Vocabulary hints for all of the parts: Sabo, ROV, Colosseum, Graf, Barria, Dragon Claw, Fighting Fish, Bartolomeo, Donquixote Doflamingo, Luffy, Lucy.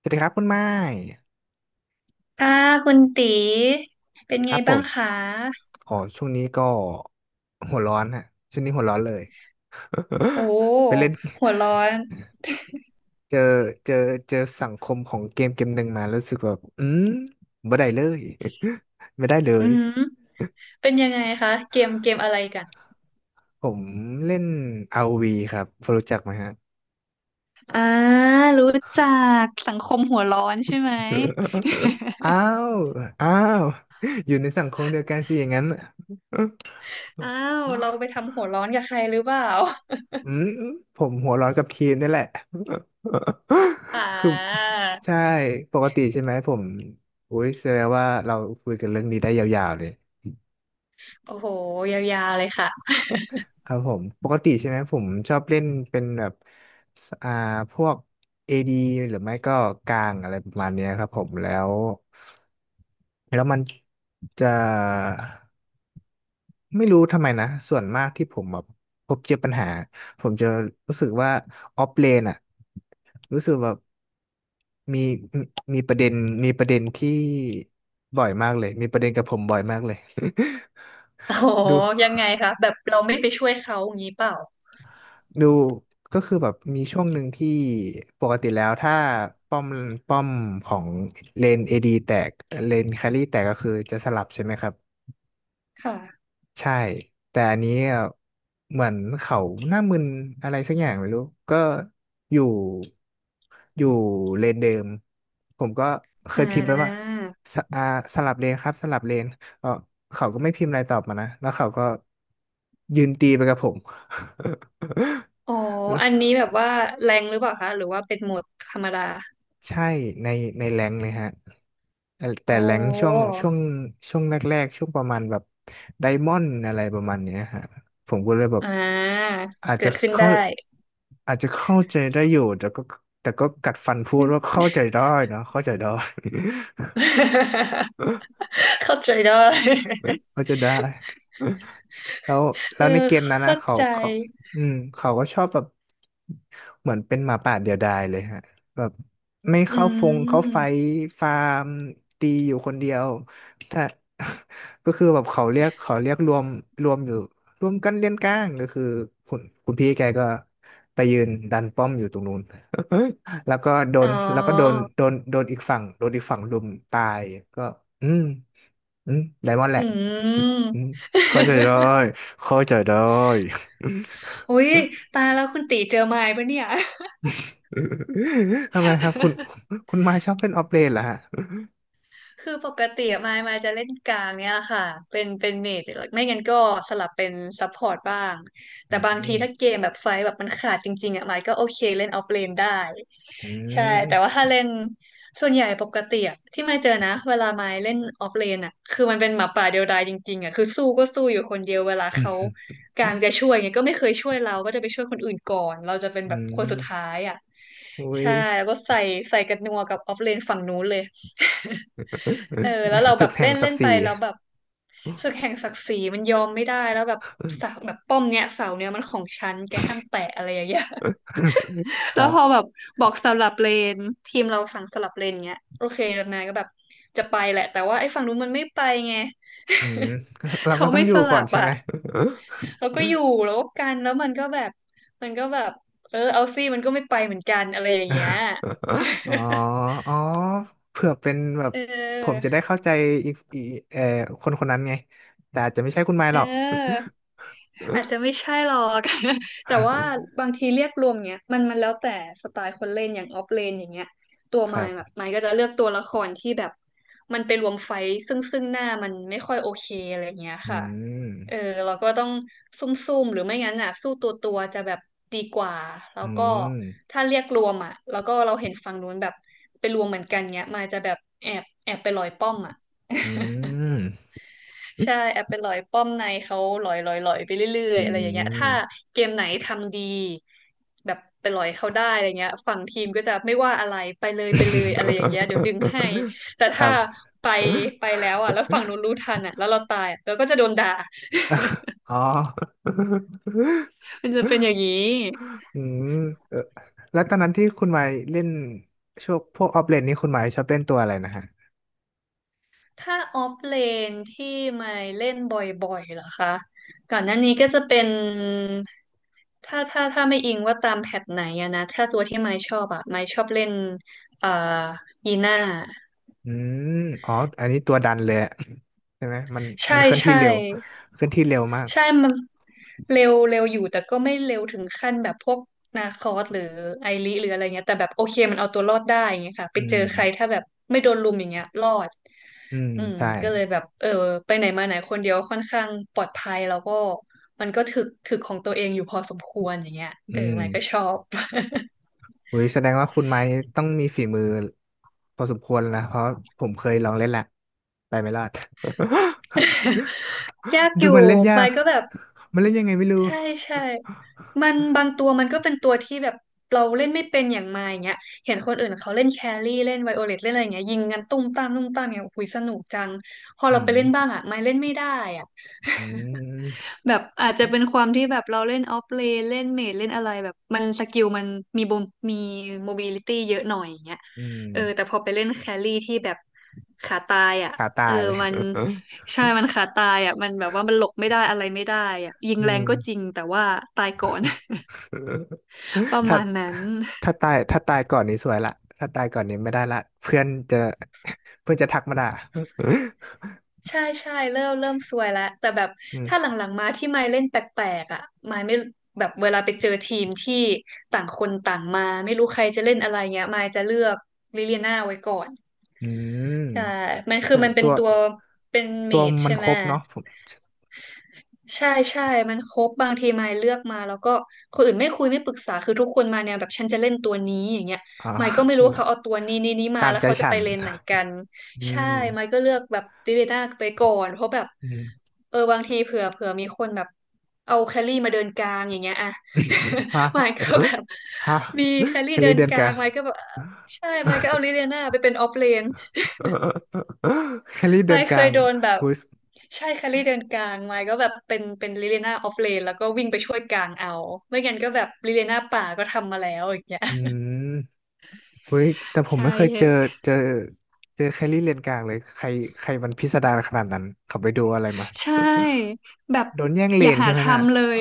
สวัสดีครับคุณไม้ค่ะคุณตีเป็นคไงรับผบ้างมคะอ๋อช่วงนี้ก็หัวร้อนฮะช่วงนี้หัวร้อนเลย โอ้ ไปเล่นหัวร้อนเจอเจอเจอสังคมของเกมเกมหนึ่งมารู้สึกแบบไม่ได้เลย ไม่ได้เลอืยมเป็นยังไงคะเกมเกมอะไรกันผมเล่น ROV ครับพอรู้จักไหมฮะ อ่ารู้จักสังคมหัวร้อนใช่ไหม อ้า วอ้าวอยู่ในสังคมเดียวกันสิอย่างนั้น อ้าวเราไปทำหัวร้อนกับใครหรือเปล่าอืมผมหัวร้อนกับทีมนี่แหละ อ่า คือใช่ปกติใช่ไหมผมอุ้ยแสดงว่าเราคุยกันเรื่องนี้ได้ยาวๆเลยโอ้โหยาวๆเลยค่ะครับผมปกติใช่ไหมผมชอบเล่นเป็นแบบสอ่าพวก AD หรือไม่ก็กลางอะไรประมาณเนี้ยครับผมแล้วแล้วมันจะ ไม่รู้ทำไมนะส่วนมากที่ผมแบบพบเจอปัญหาผมจะรู้สึกว่าออฟเลนอะรู้สึกแบบมีมีมีประเด็นมีประเด็นที่บ่อยมากเลยมีประเด็นกับผมบ่อยมากเลย โอ้โห ดูยังไงคะแบบเราไม่ไปช่วยเขาอย่างนี้เปล่าดูก็คือแบบมีช่วงหนึ่งที่ปกติแล้วถ้าป้อมป้อมของเลนเอดีแตกเลนแครี่แตกก็คือจะสลับใช่ไหมครับ ค่ะใช่แต่อันนี้อ่ะเหมือนเขาหน้ามึนอะไรสักอย่างไม่รู้ก็อยู่อยู่เลนเดิมผมก็เคอ่ยพิมพ์ไปว่าาสอ่าสลับเลนครับสลับเลนเออเขาก็ไม่พิมพ์อะไรตอบมานะแล้วเขาก็ยืนตีไปกับผม อ๋อ อันนี้แบบว่าแรงหรือเปล่าคะหรือว่าเป็นโหมดธรรมดาใช่ในในแรงค์เลยฮะแต่โอ้ แรงค์ช่วงแรกๆช่วงประมาณแบบไดมอนด์อะไรประมาณเนี้ยฮะผมก็เลยแบบ อ่าอาจเกิจะดขึ้นเข้าได้ อาจจะเข้าใจได้อยู่แต่ก็แต่ก็กัดฟันพูดว่าเข้าใจได้เนอะเข้าใจได้ เข้าใจได้ เข้าใจได้ แล้วเอแล้อวในเกมนั้นนะเข้าเขาใจเขาเขาก็ชอบแบบเหมือนเป็นหมาป่าเดียวดายเลยฮะแบบไม่อืเข้าฟงเข้าไฟมฟาร์มตีอยู่คนเดียวถ้า ก็คือแบบเขาเรียกเขาเรียกรวมรวมอยู่รวมกันเลี้ยงก้างก็คือคุณพี่แกก็ไปยืนดันป้อมอยู่ตรงนู้น แล้วก็โดอ๋นอแล้วก็โดนอีกฝั่งรุมตายก็อืมอืมไดมอนด์แหอืละ ม อืม เข้าใจได้เข้าใจได้ อุ๊ยตายแล้วคุณตีเจอไม้ปะเนี่ย ทำไมครับคุณไม้ชอบเล่นออฟเลนเหรอฮะคือปกติมายจะเล่นกลางเนี่ยค่ะเป็นเมจไม่งั้นก็สลับเป็นซัพพอร์ตบ้างอืแต่บางทีมถ้าเกมแบบไฟท์แบบมันขาดจริงๆอ่ะมายก็โอเคเล่นออฟเลนได้อืใช่แต่มว่าถ้าเล่นส่วนใหญ่ปกติอะที่มายเจอนะเวลามายเล่นออฟเลนอ่ะคือมันเป็นหมาป่าเดียวดายจริงๆอ่ะคือสู้ก็สู้อยู่คนเดียวเวลาเขา กลางจะช่วยไงยก็ไม่เคยช่วยเราก็จะไปช่วยคนอื่นก่อนเราจะเป็นอืแบบคนสุดท้ามยอ่ะอุ้ย ใช่แล้วก็ใส่กันนัวกับออฟเลนฝั่งนู้นเลย เออแล้วเรา ศึแบกบแห่เล่งนศัเล่กนดิ์ศไปรีแล้วแบบศึกแห่งศักดิ์ศรีมันยอมไม่ได้แล้วแบบเสาแบบป้อมเนี้ยเสาเนี้ยมันของฉันแกห้ามแตะอะไรอย่างเงี้ย ค แล้รัวบพอแบบบอกสลับเลนทีมเราสั่งสลับเลนเงี้ยโอเคแล้วนายก็แบบจะไปแหละแต่ว่าไอ้ฝั่งนู้นมันไม่ไปไง อืม เราก็เขาต้องไม่อสยู่ก่ลัอนบใช่อ่ะ ไหม แล้วก็อยู่แล้วก็กันแล้วมันก็แบบเออเอาซี่มันก็ไม่ไปเหมือนกันอะไรอย่างเงี้ย อ๋ออ๋อเผื่อเป็นแบ บเผมจะออได้เข้าใจอีกอีเอ่อคนคนนั้นไง แต่อาจจะไม่ใช่คุณไม้เอหอ รอก อาจจะไม่ใช่หรอก แต่ว่าบางทีเรียกรวมเนี้ยมันแล้วแต่สไตล์คนเล่นอย่างออฟเลนอย่างเงี้ยตัว คมารัยแบบบมายก็จะเลือกตัวละครที่แบบมันไปรวมไฟท์ซึ่งหน้ามันไม่ค่อยโอเคอะไรเงี้ยอืค่ะเอมอเราก็ต้องซุ่มๆหรือไม่งั้นอ่ะสู้ตัวจะแบบดีกว่าแล้อืวก็มถ้าเรียกรวมอ่ะแล้วก็เราเห็นฝั่งนู้นแบบไปรวมเหมือนกันเงี้ยมายจะแบบแอบไปลอยป้อมอ่ะ อืม ใช่แอบไปหลอยป้อมในเขาหลอยไปเรื่อยอืๆอะไรอย่างเงี้ยม ถ้าเกมไหนทำดีแบบไปหลอยเขาได้อะไรเงี้ยฝั่งทีมก็จะไม่ว่าอะไรไปเลยอะไรอย่างเงี้ยเดี๋ยวดึงให้แต่ คถ้ารับ ไปไปแล้วอ่ะแล้วฝั่งนู้นรู้ทันอ่ะแล้วเราตายอะเราก็จะโดนด่า อ๋อ มันจะเป็นอย่างนี้ อืมเออแล้วตอนนั้นที่คุณหมายเล่นช่วงพวกออฟเลนนี่คุณหมายชอบเล่นตัวอะไรนะฮะถ้าออฟเลนที่ไม่เล่นบ่อยๆเหรอคะก่อนหน้านี้ก็จะเป็นถ้าไม่อิงว่าตามแพทไหนอะนะถ้าตัวที่ไม่ชอบอะไม่ชอบเล่นเอ่อยีน่าอืมอ๋ออันนี้ตัวดันเลยอะ ใช่ไหมมัใช่นเคลื่อนที่ใช่ เร็วเคลื่อนที่เร็วมาก ใช่ มันเร็วเร็วอยู่แต่ก็ไม่เร็วถึงขั้นแบบพวกนาคอสหรือไอริหรืออะไรเงี้ยแต่แบบโอเคมันเอาตัวรอดได้อย่างเงี้ยค่ะไปอืเจอมใครถ้าแบบไม่โดนลุมอย่างเงี้ยรอดอืมอืมใช่ ก็เลยแบบเออไปไหนมาไหนคนเดียวค่อนข้างปลอดภัยแล้วก็มันก็ถึกของตัวเองอยู่พอสมควรอย่างเงี้ยอืเออมมันก็ชอบ อุ้ยแสดงว่าคุณไม้ต้องมีฝีมือพอสมควรแล้วนะเพราะผมเคยลองเล่นแหละไปไม่รอด ยากอดูยู่มันเล่นยามัก นก็แบบ มันเล่นยังไงไม่รู้ใช่ใช่มันบางตัวมันก็เป็นตัวที่แบบเราเล่นไม่เป็นอย่างมาอย่างเงี้ย เห็นคนอื่นเขาเล่นแครี่เล่นไวโอเลตเล่นอะไรอย่างเงี้ยยิงกันตุ้มตามตุ้มตามเนี่ยโอ้ยสนุกจัง พออืเราไปมเล่นบ้างอ่ะไม่เล่นไม่ได้อ่ะ อืมแบบอาจจะเป็นความที่แบบเราเล่นออฟเลนเล่นเมจเล่นอะไรแบบมันสกิลมันมีบมมีโมบิลิตี้เยอะหน่อยอย่างเงี้ยอืมเออแต่พอไปเล่นแครี่ที่แบบขาตายอ่ะขาตาเออย มัน ใช่มันขาตายอ่ะมันแบบว่ามันหลบไม่ได้อะไรไม่ได้อ่ะยิงอืแรงมก็จริงแต่ว่าตายก่อน ประถ้ามาณนั้น ถ้าตาย ถ้าตายก่อนนี้สวยละถ้าตายก่อนนี้ไม่ได้ละเพื่อนจะ เพื่อนจะทักมาด่า ใช่ใช่เริ่มซวยแล้วแต่แบบ อืมถ้าหลังๆมาที่ไมค์เล่นแปลกๆอ่ะไมค์ไม่แบบเวลาไปเจอทีมที่ต่างคนต่างมาไม่รู้ใครจะเล่นอะไรเงี้ยไมค์จะเลือกลิเลียนาไว้ก่อนอืใช่มมันคือแต่มันเป็ตันว ตัวเป็นเมตัวจมันใช่ไหคม รบเนาะผมใช่ใช่ มันครบบางทีมายเลือกมาแล้วก็คนอื่นไม่คุยไม่ปรึกษาคือทุกคนมาแนี่แบบฉันจะเล่นตัวนี้อย่างเงี้ยอ๋อมายก็ไม่รู้ว่าเนี่ยเขาเอาตัวนี้นี้มาตามแล้วใจเขาจะฉัไปนเลนไหนกันอืใช่มมายก็เลือกแบบดิเลน่าไปก่อนเพราะแบบอืมเออบางทีเผื่อมีคนแบบเอาแครี่มาเดินกลางอย่างเงี้ยอะ ฮะ มายก็แบบ ฮะมีแครี่กะเดิลินเดือนกลากะ งมายก็แบบใช่มายก็เอาลิเลียนาไปเป็นออฟเลน แครี่เดิไม่นกเคลายงโดนแบบหุยใช่แคลรี่เดินกลางไม่ก็แบบเป็นลิเลนาออฟเลนแล้วก็วิ่งไปช่วยกลางเอาไม่งั้นก็แบบลิเลนาป่าก็ทำมาแล้วอย่างเงี้ย อื มหุยแต่ผมใช่ไม่เคยเจอเจอแครี่เลนกลางเลย ใครใครมันพิสดารขนาดนั้นเขาไปดูอะไรมาใช่แบบโดนแย่งเลอย่านหาใช่ไหมน่ะ ทำเลย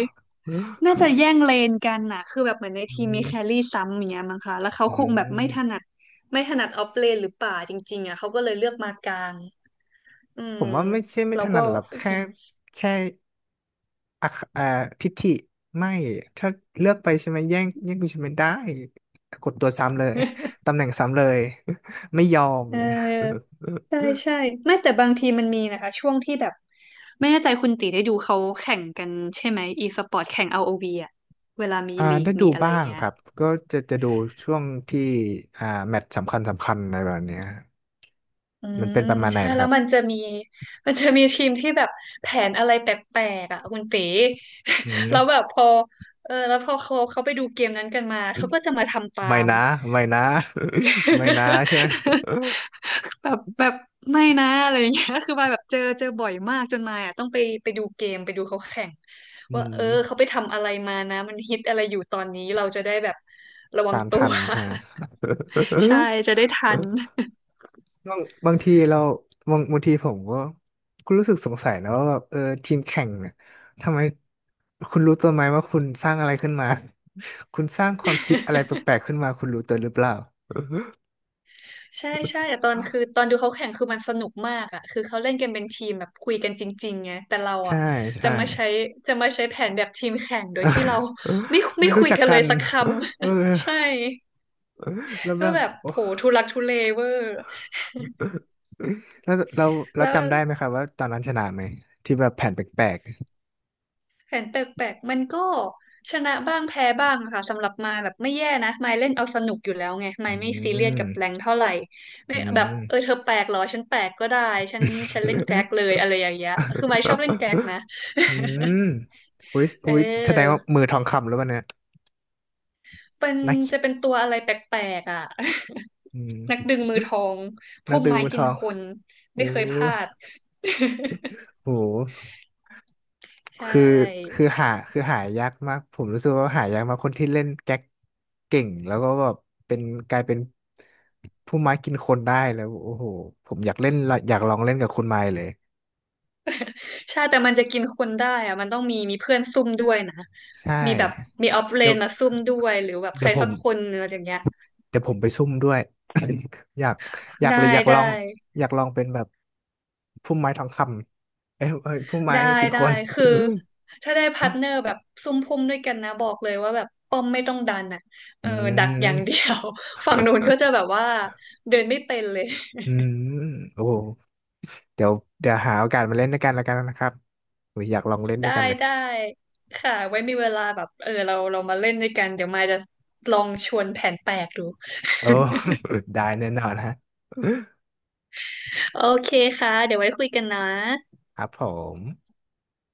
น่าจะแย่งเลนกันน่ะคือแบบเหมือนใน อืทีมมีมแครี่ซ้ำอย่างเงี้ยมั้งคะแล้วเขาอืคงแบบไม่ถนัมดไม่ถนัดออฟเลนหรือป่าจริงๆอ่ะเขาก็เลยเลือกมากลางอืผมมว่าไม่ใช่ไม่เราถนัก็ ดหรอกแค่แค่อักอ่าทิฐิไม่ ถ้าเลือกไปใช่ไหมแย่งกูใช่ไหมได้ กดตัวซ้ำเลย ตำแหน่งซ้ำเลย ไม่ยอมเอเลย อใช่ใช่ไม่แต่บางทีมันมีนะคะช่วงที่แบบไม่แน่ใจคุณตีได้ดูเขาแข่งกันใช่ไหม e สปอร์ตแข่งอ o v อวีอ่ะเวลามีอ่าลีกได้ดูมีอะไรบ้างเงี้คยรับก็จะดูช่วงที่อ่าแมตช์สำคัญอะไรแบบเนี้ยอืมันเป็มนประมาณไหนใช่นะคแล้รัวบมันจะมี มันจะมีทีมที่แบบแผนอะไรแปลกๆอ่ะคุณตี อื มแล้วแบบพอเออแล้วพอเขาไปดูเกมนั้นกันมาเขาก็จะมาทำตาไม่ม นะไม่นะ ไม่นะใช่ไหม แบบไม่นะอะไรอย่างเงี้ย คือมายแบบเจอบ่อยมากจนมายอ่ะต้องไปไปดูเกมไปดูเขาแข่งอืว่าเออเขามไปทำอะไรมานะมันฮิตอะไรอยู่ตอนนี้เราจะได้แบบระวังตามตัทัว นใช่ไหม ใช่จะได้ทัน บางบางทีเราบางทีผมก็ก็รู้สึกสงสัยนะว่าแบบเออทีมแข่งเนี่ยทำไมคุณรู้ตัวไหมว่าคุณสร้างอะไรขึ้นมา คุณสร้างความคิดอะไรแปลกๆขึ้นมาคุณรู้ตัวหรือเปล่าใช่ใช่แต่ตอนคือตอนดูเขาแข่งคือมันสนุกมากอ่ะคือเขาเล่นกันเป็นทีมแบบคุยกันจริงๆไงแต่เราใช่อ่ะจะใช่ มาใช้จะมาใช้แผนแบบทีมแข่งโดยที่เราไม่ ไม่ไม่รู้คุยจักกันเลกัยน สักค เอำ อ ใช่ แล้วแบก็บ แบบ โอ้โผทุลักทุเลเวอร์แล้วเราแล้วจำได้ไหมครับว่าตอนนั้นชนะไหมที่แบบแผนแปลกแผนแปลกๆมันก็ชนะบ้างแพ้บ้างค่ะสำหรับมายแบบไม่แย่นะมายเล่นเอาสนุกอยู่แล้วไงๆอืมายไม่ซีเรียสมกับแรงเท่าไหร่ไม่อืแบบม เออเธอแปลกเหรอฉันแปลกก็ได้ฉันเล่นแก๊กเลยอะไรอย่างเงี้ยคือมายชอบเล่นแก๊ก นะ อืมอุ้ย อุ้ยแสดงว่าเออมือทองคำแล้ววันเนี่ยเป็นนักจะเป็นตัวอะไรแปลกๆอ่ะ อื นักมดึงมือทองนักพุ่มดื่มไม้มือทกินอง คนโอ้ไม่เคยพลาด โห ใช่ คือคือคือหายากมากผมรู้สึกว่าหายากมากคนที่เล่นแก๊กเก่งแล้วก็แบบเป็นกลายเป็นผู้ไม้กินคนได้แล้วโอ้โหผมอยากเล่นอยากลองเล่นกับคุณไม้เลยใช่แต่มันจะกินคนได้อะมันต้องมีเพื่อนซุ่มด้วยนะใช่มีแบบมีออฟเลเดี๋ยนวมาซุ่มด้วยหรือแบบใคเดี๋ยรวผสัมกคนอะไรอย่างเงี้ยเดี๋ยวผมไปซุ่มด้วยอยากอยากได้เลยอยากลได้องอยากลองเป็นแบบผู้ไม้ทองคำเอ้ยเอ้ยผู้ไม้ได้กินได้คน คือ ถ้าได้พาร์ทเนอร์แบบซุ่มพุ่มด้วยกันนะบอกเลยว่าแบบป้อมไม่ต้องดันอ่ะเออือดักอย่างเดีมยว ฝั่งนู้นก็จะแบบว่าเดินไม่เป็นเลยอืมโอ้โห เดี๋ยวเดี๋ยวหาโอกาสมาเล่นด้วยกันแล้วกันนะครับอุ๊ยอยากลองเล่นด้ได้วยกันเลยได้ค่ะไว้มีเวลาแบบเออเรามาเล่นด้วยกันเดี๋ยวมายจะลองชวนแผนแปลกดู โอ้ ได้แน่นอนฮะ โอเคค่ะเดี๋ยวไว้คุยกันนะครับผม